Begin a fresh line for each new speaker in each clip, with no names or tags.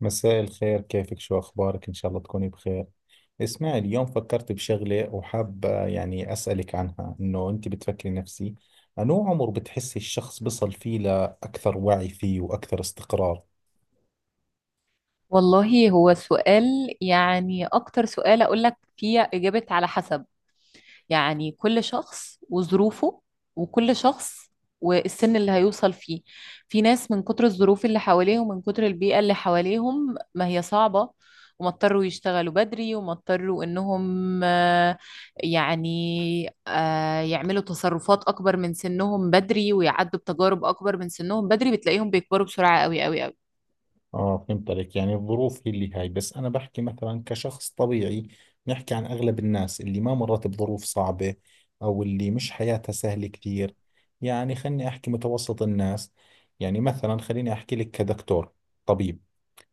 مساء الخير، كيفك؟ شو أخبارك؟ إن شاء الله تكوني بخير. اسمعي، اليوم فكرت بشغلة وحابة يعني أسألك عنها، إنه أنت بتفكري نفسي أنو عمر بتحسي الشخص بصل فيه لأكثر وعي فيه وأكثر استقرار؟
والله هو سؤال. يعني أكتر سؤال أقول لك فيه إجابة على حسب. يعني كل شخص وظروفه، وكل شخص والسن اللي هيوصل فيه. في ناس من كتر الظروف اللي حواليهم، من كتر البيئة اللي حواليهم، ما هي صعبة، وما اضطروا يشتغلوا بدري، وما اضطروا إنهم يعني يعملوا تصرفات أكبر من سنهم بدري، ويعدوا بتجارب أكبر من سنهم بدري. بتلاقيهم بيكبروا بسرعة قوي قوي قوي.
آه، فهمت عليك، يعني الظروف هي اللي هاي. بس أنا بحكي مثلا كشخص طبيعي، نحكي عن أغلب الناس اللي ما مرت بظروف صعبة أو اللي مش حياتها سهلة كثير. يعني خلني أحكي متوسط الناس، يعني مثلا خليني أحكي لك كدكتور، طبيب،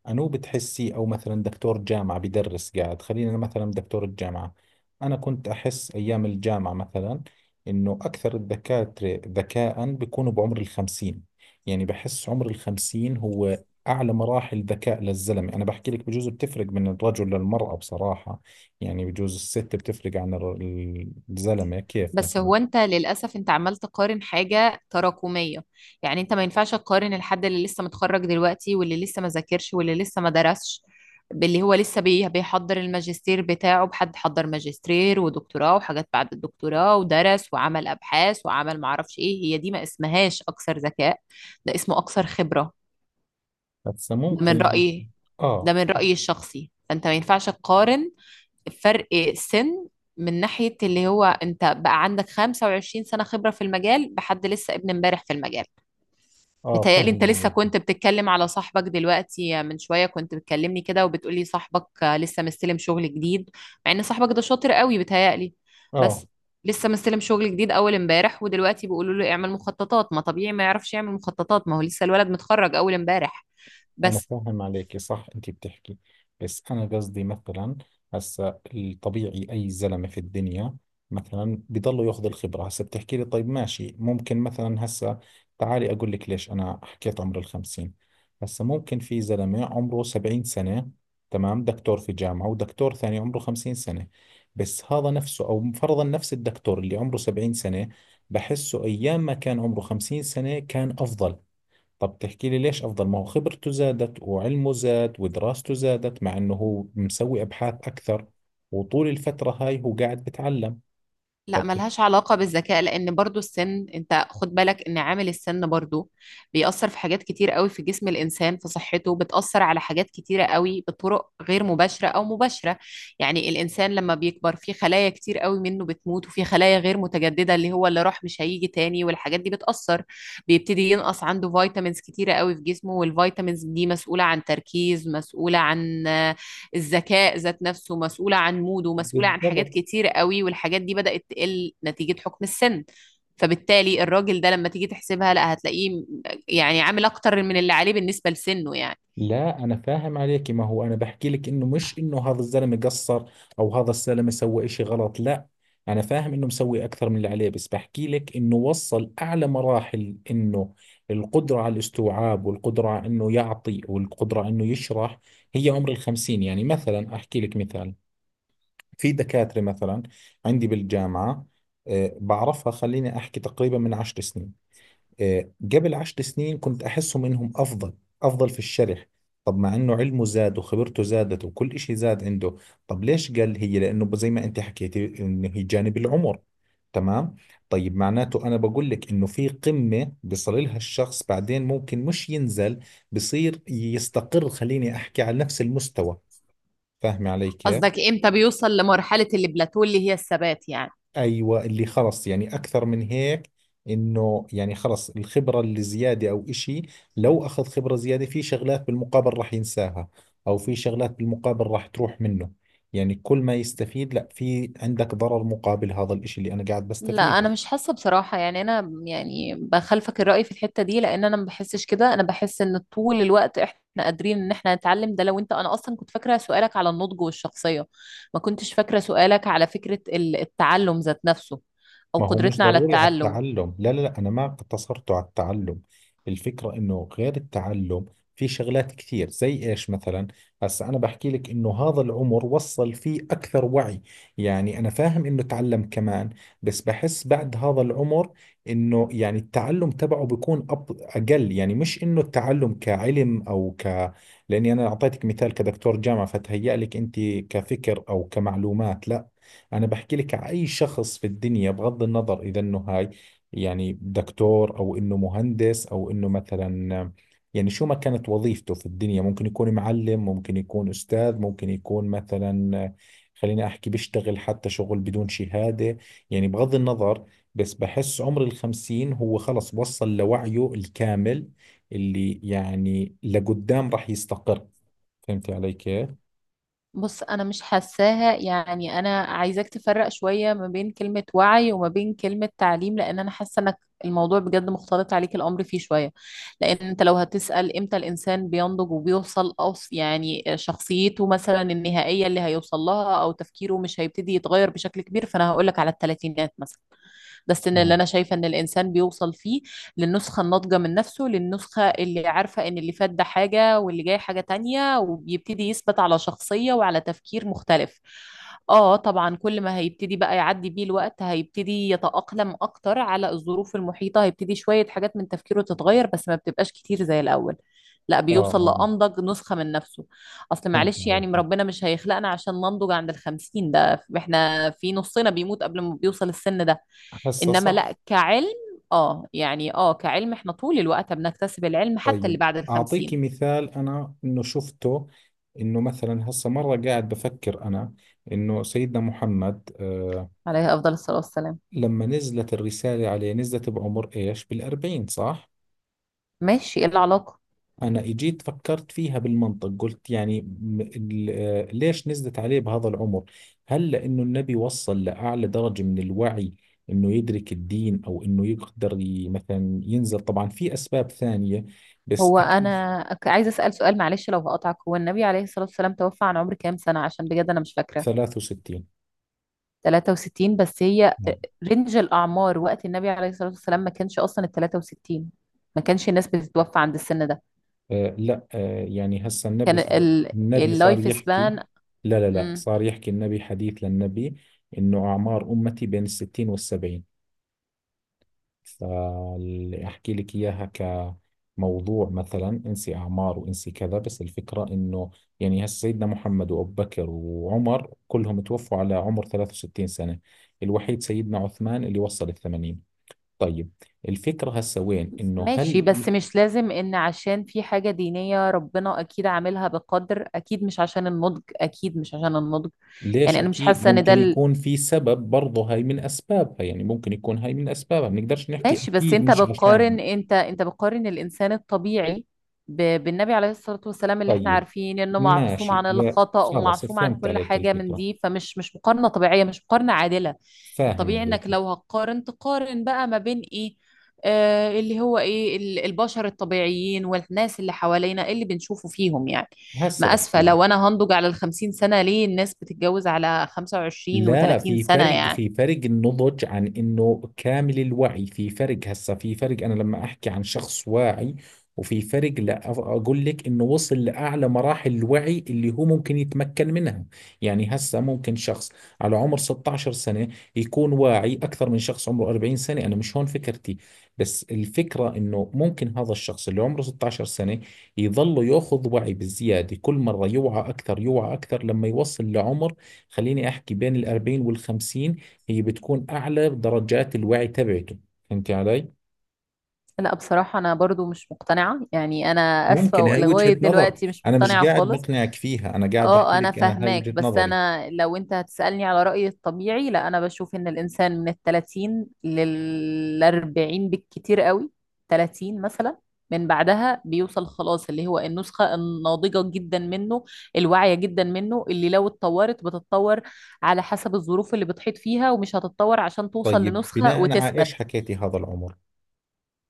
أنو بتحسي؟ أو مثلا دكتور جامعة بدرس، قاعد خلينا أنا مثلا دكتور الجامعة. أنا كنت أحس أيام الجامعة مثلا إنه أكثر الدكاترة ذكاء بيكونوا بعمر الخمسين. يعني بحس عمر الخمسين هو أعلى مراحل ذكاء للزلمة. أنا بحكي لك، بجوز بتفرق من الرجل للمرأة بصراحة، يعني بجوز الست بتفرق عن الزلمة كيف
بس
مثلا.
هو انت للاسف، انت عمال تقارن حاجه تراكميه. يعني انت ما ينفعش تقارن الحد اللي لسه متخرج دلوقتي واللي لسه ما ذاكرش واللي لسه ما درسش، باللي هو لسه بيحضر الماجستير بتاعه، بحد حضر ماجستير ودكتوراه وحاجات بعد الدكتوراه، ودرس وعمل ابحاث وعمل معرفش ايه. هي دي ما اسمهاش اكثر ذكاء، ده اسمه اكثر خبره.
هسا
ده
ممكن
من
اللي…
رايي، ده
آه
من
صح.
رايي الشخصي. فانت ما ينفعش تقارن فرق سن، من ناحية اللي هو انت بقى عندك 25 سنة خبرة في المجال بحد لسه ابن امبارح في المجال.
آه
متهيألي انت
فاهم
لسه
عليك.
كنت بتتكلم على صاحبك دلوقتي، من شوية كنت بتكلمني كده وبتقولي صاحبك لسه مستلم شغل جديد، مع ان صاحبك ده شاطر قوي بتهيألي.
آه،
بس لسه مستلم شغل جديد اول امبارح، ودلوقتي بيقولوا له اعمل مخططات. ما طبيعي ما يعرفش يعمل مخططات، ما هو لسه الولد متخرج اول امبارح.
أنا
بس
فاهم عليكي، صح أنت بتحكي. بس أنا قصدي مثلا، هسا الطبيعي أي زلمة في الدنيا مثلا بضله ياخذ الخبرة. هسا بتحكي لي طيب ماشي، ممكن مثلا هسا تعالي أقول لك ليش أنا حكيت عمر الخمسين. هسا ممكن في زلمة عمره سبعين سنة، تمام، دكتور في جامعة، ودكتور ثاني عمره خمسين سنة. بس هذا نفسه، أو فرضا نفس الدكتور اللي عمره سبعين سنة، بحسه أيام ما كان عمره خمسين سنة كان أفضل. طب تحكي لي ليش أفضل؟ ما هو خبرته زادت وعلمه زاد ودراسته زادت، مع إنه هو مسوي أبحاث أكثر وطول الفترة هاي هو قاعد بتعلم.
لا،
فبتحكي
ملهاش علاقة بالذكاء، لأن برضو السن، أنت خد بالك إن عامل السن برضو بيأثر في حاجات كتير قوي في جسم الإنسان، في صحته. بتأثر على حاجات كتيرة قوي بطرق غير مباشرة أو مباشرة. يعني الإنسان لما بيكبر، في خلايا كتير قوي منه بتموت، وفي خلايا غير متجددة، اللي هو اللي راح مش هيجي تاني، والحاجات دي بتأثر. بيبتدي ينقص عنده فيتامينز كتيرة قوي في جسمه، والفيتامينز دي مسؤولة عن تركيز، مسؤولة عن الذكاء ذات نفسه، مسؤولة عن موده، مسؤولة عن حاجات
بالضبط.
كتير قوي، والحاجات دي بدأت تقل نتيجة حكم السن. فبالتالي الراجل ده لما تيجي تحسبها، لا هتلاقيه يعني عامل أكتر من اللي عليه بالنسبة لسنه يعني.
لا أنا فاهم عليك، ما هو أنا بحكي لك إنه مش إنه هذا الزلمة قصر أو هذا الزلمة سوى إشي غلط، لا. أنا فاهم إنه مسوي أكثر من اللي عليه، بس بحكي لك إنه وصل أعلى مراحل، إنه القدرة على الاستوعاب والقدرة على إنه يعطي والقدرة على إنه يشرح، هي عمر الخمسين. يعني مثلا أحكي لك مثال، في دكاترة مثلا عندي بالجامعة، بعرفها، خليني أحكي تقريبا من عشر سنين، قبل عشر سنين كنت أحسهم إنهم أفضل، أفضل في الشرح. طب مع إنه علمه زاد وخبرته زادت وكل إشي زاد عنده، طب ليش؟ قال هي لأنه زي ما أنت حكيتي إنه هي جانب العمر، تمام. طيب معناته أنا بقول لك إنه في قمة بيصل لها الشخص، بعدين ممكن مش ينزل، بصير يستقر، خليني أحكي على نفس المستوى. فاهمة علي كيف؟
قصدك امتى بيوصل لمرحلة البلاتو اللي هي الثبات يعني.
ايوه، اللي خلص يعني اكثر من هيك، انه يعني خلص الخبره اللي زياده او اشي، لو اخذ خبره زياده في شغلات بالمقابل راح ينساها، او في شغلات بالمقابل راح تروح منه. يعني كل ما يستفيد، لا، في عندك ضرر مقابل هذا الاشي اللي انا قاعد
لا،
بستفيده.
انا مش حاسه بصراحه. يعني انا يعني بخالفك الراي في الحته دي، لان انا ما بحسش كده. انا بحس ان طول الوقت احنا قادرين ان احنا نتعلم. ده لو انت، انا اصلا كنت فاكره سؤالك على النضج والشخصيه، ما كنتش فاكره سؤالك على فكره التعلم ذات نفسه، او
ما هو مش
قدرتنا على
ضروري على
التعلم.
التعلم، لا لا لا، أنا ما اقتصرته على التعلم. الفكرة إنه غير التعلم في شغلات كثير. زي إيش مثلا؟ هسا أنا بحكي لك إنه هذا العمر وصل فيه أكثر وعي. يعني أنا فاهم إنه تعلم كمان، بس بحس بعد هذا العمر إنه يعني التعلم تبعه بيكون أقل. يعني مش إنه التعلم كعلم أو ك… لأني أنا أعطيتك مثال كدكتور جامعة فتهيأ لك أنت كفكر أو كمعلومات، لا. أنا بحكي لك أي شخص في الدنيا، بغض النظر إذا إنه هاي، يعني دكتور أو إنه مهندس أو إنه مثلا، يعني شو ما كانت وظيفته في الدنيا، ممكن يكون معلم، ممكن يكون أستاذ، ممكن يكون مثلا، خليني أحكي، بيشتغل حتى شغل بدون شهادة، يعني بغض النظر. بس بحس عمر الخمسين هو خلص وصل لوعيه الكامل، اللي يعني لقدام راح يستقر. فهمتي علي كيف؟
بص، انا مش حاساها. يعني انا عايزاك تفرق شوية ما بين كلمة وعي وما بين كلمة تعليم، لان انا حاسة انك الموضوع بجد مختلط عليك الامر فيه شوية. لان انت لو هتسأل امتى الانسان بينضج وبيوصل يعني شخصيته مثلا النهائية اللي هيوصل لها، او تفكيره مش هيبتدي يتغير بشكل كبير، فانا هقولك على الثلاثينات مثلا. ده السن اللي
مم.
انا شايفه ان الانسان بيوصل فيه للنسخه الناضجه من نفسه، للنسخه اللي عارفه ان اللي فات ده حاجه واللي جاي حاجه تانية، وبيبتدي يثبت على شخصيه وعلى تفكير مختلف. اه طبعا، كل ما هيبتدي بقى يعدي بيه الوقت، هيبتدي يتأقلم اكتر على الظروف المحيطة، هيبتدي شوية حاجات من تفكيره تتغير، بس ما بتبقاش كتير زي الاول. لا،
اه
بيوصل
اه،
لأنضج نسخة من نفسه. اصل
فهمت
معلش، يعني
عليك،
ربنا مش هيخلقنا عشان ننضج عند الخمسين، ده احنا في نصنا بيموت قبل ما بيوصل السن ده.
هسه
انما
صح.
لا، كعلم. اه يعني كعلم احنا طول الوقت بنكتسب العلم حتى اللي
طيب
بعد
أعطيكي
الخمسين.
مثال أنا إنه شفته، إنه مثلا هسا مرة قاعد بفكر أنا إنه سيدنا محمد،
عليه افضل الصلاة والسلام.
لما نزلت الرسالة عليه نزلت بعمر إيش، بالأربعين صح؟
ماشي، ايه العلاقة؟
أنا إجيت فكرت فيها بالمنطق، قلت يعني ليش نزلت عليه بهذا العمر؟ هل لأنه النبي وصل لأعلى درجة من الوعي إنه يدرك الدين أو إنه يقدر مثلا ينزل؟ طبعا في أسباب ثانية بس
هو
أكيد.
انا عايزة اسأل سؤال، معلش لو هقطعك، هو النبي عليه الصلاة والسلام توفى عن عمر كام سنة؟ عشان بجد انا مش فاكرة.
63.
63؟ بس هي رينج الاعمار وقت النبي عليه الصلاة والسلام ما كانش اصلا ال 63. ما كانش الناس بتتوفى عند السن ده.
آه لا، آه يعني هسا
كان
النبي صار
اللايف
يحكي.
سبان.
لا لا لا،
مم.
صار يحكي النبي حديث للنبي إنه أعمار أمتي بين الستين والسبعين، فأحكي لك إياها كموضوع مثلا. انسي أعمار وانسي كذا، بس الفكرة إنه يعني هسا سيدنا محمد وأبو بكر وعمر كلهم توفوا على عمر 63 سنة، الوحيد سيدنا عثمان اللي وصل الثمانين. طيب، الفكرة هسا وين، إنه
ماشي،
هل…
بس مش لازم ان عشان في حاجة دينية. ربنا اكيد عاملها بقدر، اكيد مش عشان النضج، اكيد مش عشان النضج.
ليش
يعني انا مش
اكيد؟
حاسة ان ده
ممكن يكون في سبب برضه، هاي من اسبابها، يعني ممكن يكون هاي من اسبابها، بنقدرش نحكي
ماشي. بس
اكيد
انت
مش عشان.
بتقارن، انت بتقارن الانسان الطبيعي بالنبي عليه الصلاة والسلام، اللي احنا
طيب
عارفين انه معصوم
ماشي،
عن
يا
الخطأ
خلص
ومعصوم عن
فهمت
كل
عليك
حاجة من
الفكرة،
دي. فمش مش مقارنة طبيعية، مش مقارنة عادلة.
فاهم
الطبيعي انك
عليك.
لو هتقارن، تقارن بقى ما بين ايه، اللي هو ايه البشر الطبيعيين والناس اللي حوالينا اللي بنشوفه فيهم يعني.
هسه
ما اسفة،
بحكي لك،
لو انا هنضج على الخمسين سنة، ليه الناس بتتجوز على خمسة وعشرين
لا
وتلاتين
في
سنة
فرق،
يعني.
في فرق النضج عن انه كامل الوعي، في فرق. هسه في فرق، انا لما احكي عن شخص واعي، وفي فرق لا اقول لك انه وصل لاعلى مراحل الوعي اللي هو ممكن يتمكن منها. يعني هسه ممكن شخص على عمر 16 سنة يكون واعي اكثر من شخص عمره 40 سنة، انا مش هون فكرتي. بس الفكرة انه ممكن هذا الشخص اللي عمره 16 سنة يظل ياخذ وعي بالزيادة، كل مرة يوعى اكثر يوعى اكثر، لما يوصل لعمر، خليني احكي بين الأربعين والخمسين، هي بتكون اعلى درجات الوعي تبعته. فهمتي علي؟
لا بصراحة، أنا برضو مش مقتنعة. يعني أنا آسفة
ممكن هاي
لغاية
وجهة نظر،
دلوقتي مش
انا مش
مقتنعة
قاعد
خالص.
بقنعك فيها، انا قاعد بحكي
اه أنا
لك انا هاي
فاهماك،
وجهة
بس
نظري.
أنا لو أنت هتسألني على رأيي الطبيعي، لا، أنا بشوف إن الإنسان من التلاتين للأربعين بالكتير قوي. تلاتين مثلا، من بعدها بيوصل خلاص اللي هو النسخة الناضجة جدا منه، الواعية جدا منه، اللي لو اتطورت بتتطور على حسب الظروف اللي بتحيط فيها، ومش هتتطور عشان توصل
طيب
لنسخة
بناء على
وتثبت.
ايش حكيتي هذا العمر؟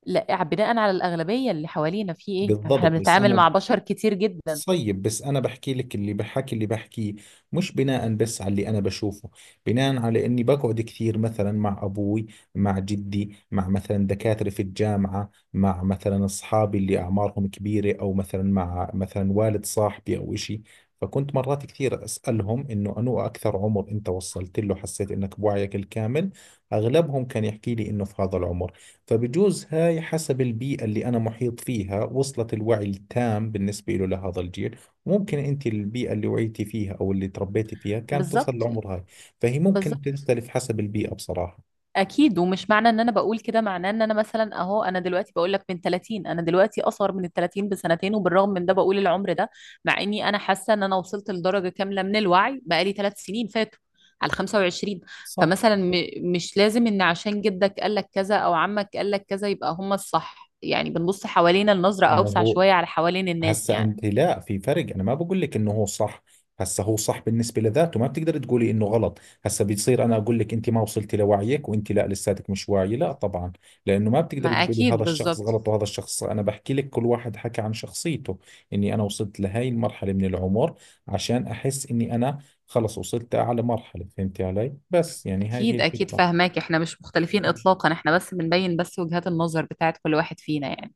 لا، بناء على الأغلبية اللي حوالينا في ايه يعني، احنا
بالضبط. بس
بنتعامل
انا،
مع بشر كتير جدا.
طيب بس أنا بحكي لك، اللي بحكي اللي بحكيه مش بناء بس على اللي أنا بشوفه، بناء على إني بقعد كثير مثلا مع أبوي، مع جدي، مع مثلا دكاترة في الجامعة، مع مثلا أصحابي اللي أعمارهم كبيرة، أو مثلا مع مثلا والد صاحبي أو إشي. فكنت مرات كثير أسألهم إنه أنو أكثر عمر أنت وصلت له حسيت إنك بوعيك الكامل؟ أغلبهم كان يحكي لي إنه في هذا العمر. فبجوز هاي حسب البيئة اللي أنا محيط فيها وصلت الوعي التام بالنسبة له لهذا الجيل. ممكن أنت البيئة اللي وعيتي فيها أو اللي تربيتي فيها كانت تصل
بالظبط.
لعمر هاي، فهي ممكن
بالظبط.
تختلف حسب البيئة بصراحة.
اكيد، ومش معنى ان انا بقول كده معناه ان انا مثلا اهو. انا دلوقتي بقول لك من 30، انا دلوقتي اصغر من ال 30 بسنتين، وبالرغم من ده بقول العمر ده. مع اني انا حاسة ان انا وصلت لدرجة كاملة من الوعي بقالي 3 سنين فاتوا، على 25.
صح.
فمثلا مش لازم ان عشان جدك قال لك كذا او عمك قال لك كذا يبقى هم الصح. يعني بنبص حوالينا النظرة
ما
اوسع
هو
شوية على حوالين الناس
هسا
يعني.
انت، لا في فرق، انا ما بقول لك انه هو صح. هسا هو صح بالنسبه لذاته، ما بتقدر تقولي انه غلط. هسا بتصير انا اقول لك انت ما وصلتي لوعيك، وانت لا لساتك مش واعي، لا طبعا، لانه ما
ما
بتقدر تقولي
اكيد،
هذا الشخص
بالظبط.
غلط وهذا الشخص صح. انا بحكي لك كل واحد حكى عن شخصيته، اني انا وصلت لهي المرحله من العمر عشان احس اني انا خلص وصلت لاعلى مرحله. فهمتي علي؟ بس يعني هاي هي
اكيد اكيد
الفكره.
فاهماك، احنا مش مختلفين اطلاقا، احنا بس بنبين بس وجهات النظر بتاعت كل واحد فينا يعني.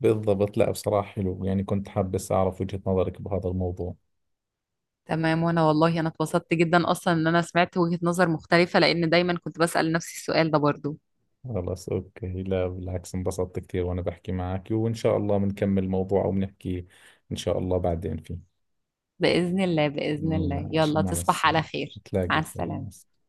بالضبط. لا بصراحه حلو، يعني كنت حابس اعرف وجهه نظرك بهذا الموضوع.
تمام، وانا والله انا اتبسطت جدا اصلا ان انا سمعت وجهة نظر مختلفة، لان دايما كنت بسأل نفسي السؤال ده برضو.
خلاص أوكي، لا بالعكس انبسطت كثير وأنا بحكي معك، وإن شاء الله بنكمل الموضوع أو بنحكي إن شاء الله بعدين فيه.
بإذن الله، بإذن الله.
ماشي،
يلا
مع
تصبح على
السلامة.
خير.
تلاقي
مع
الخير، مع
السلامة.
السلامة.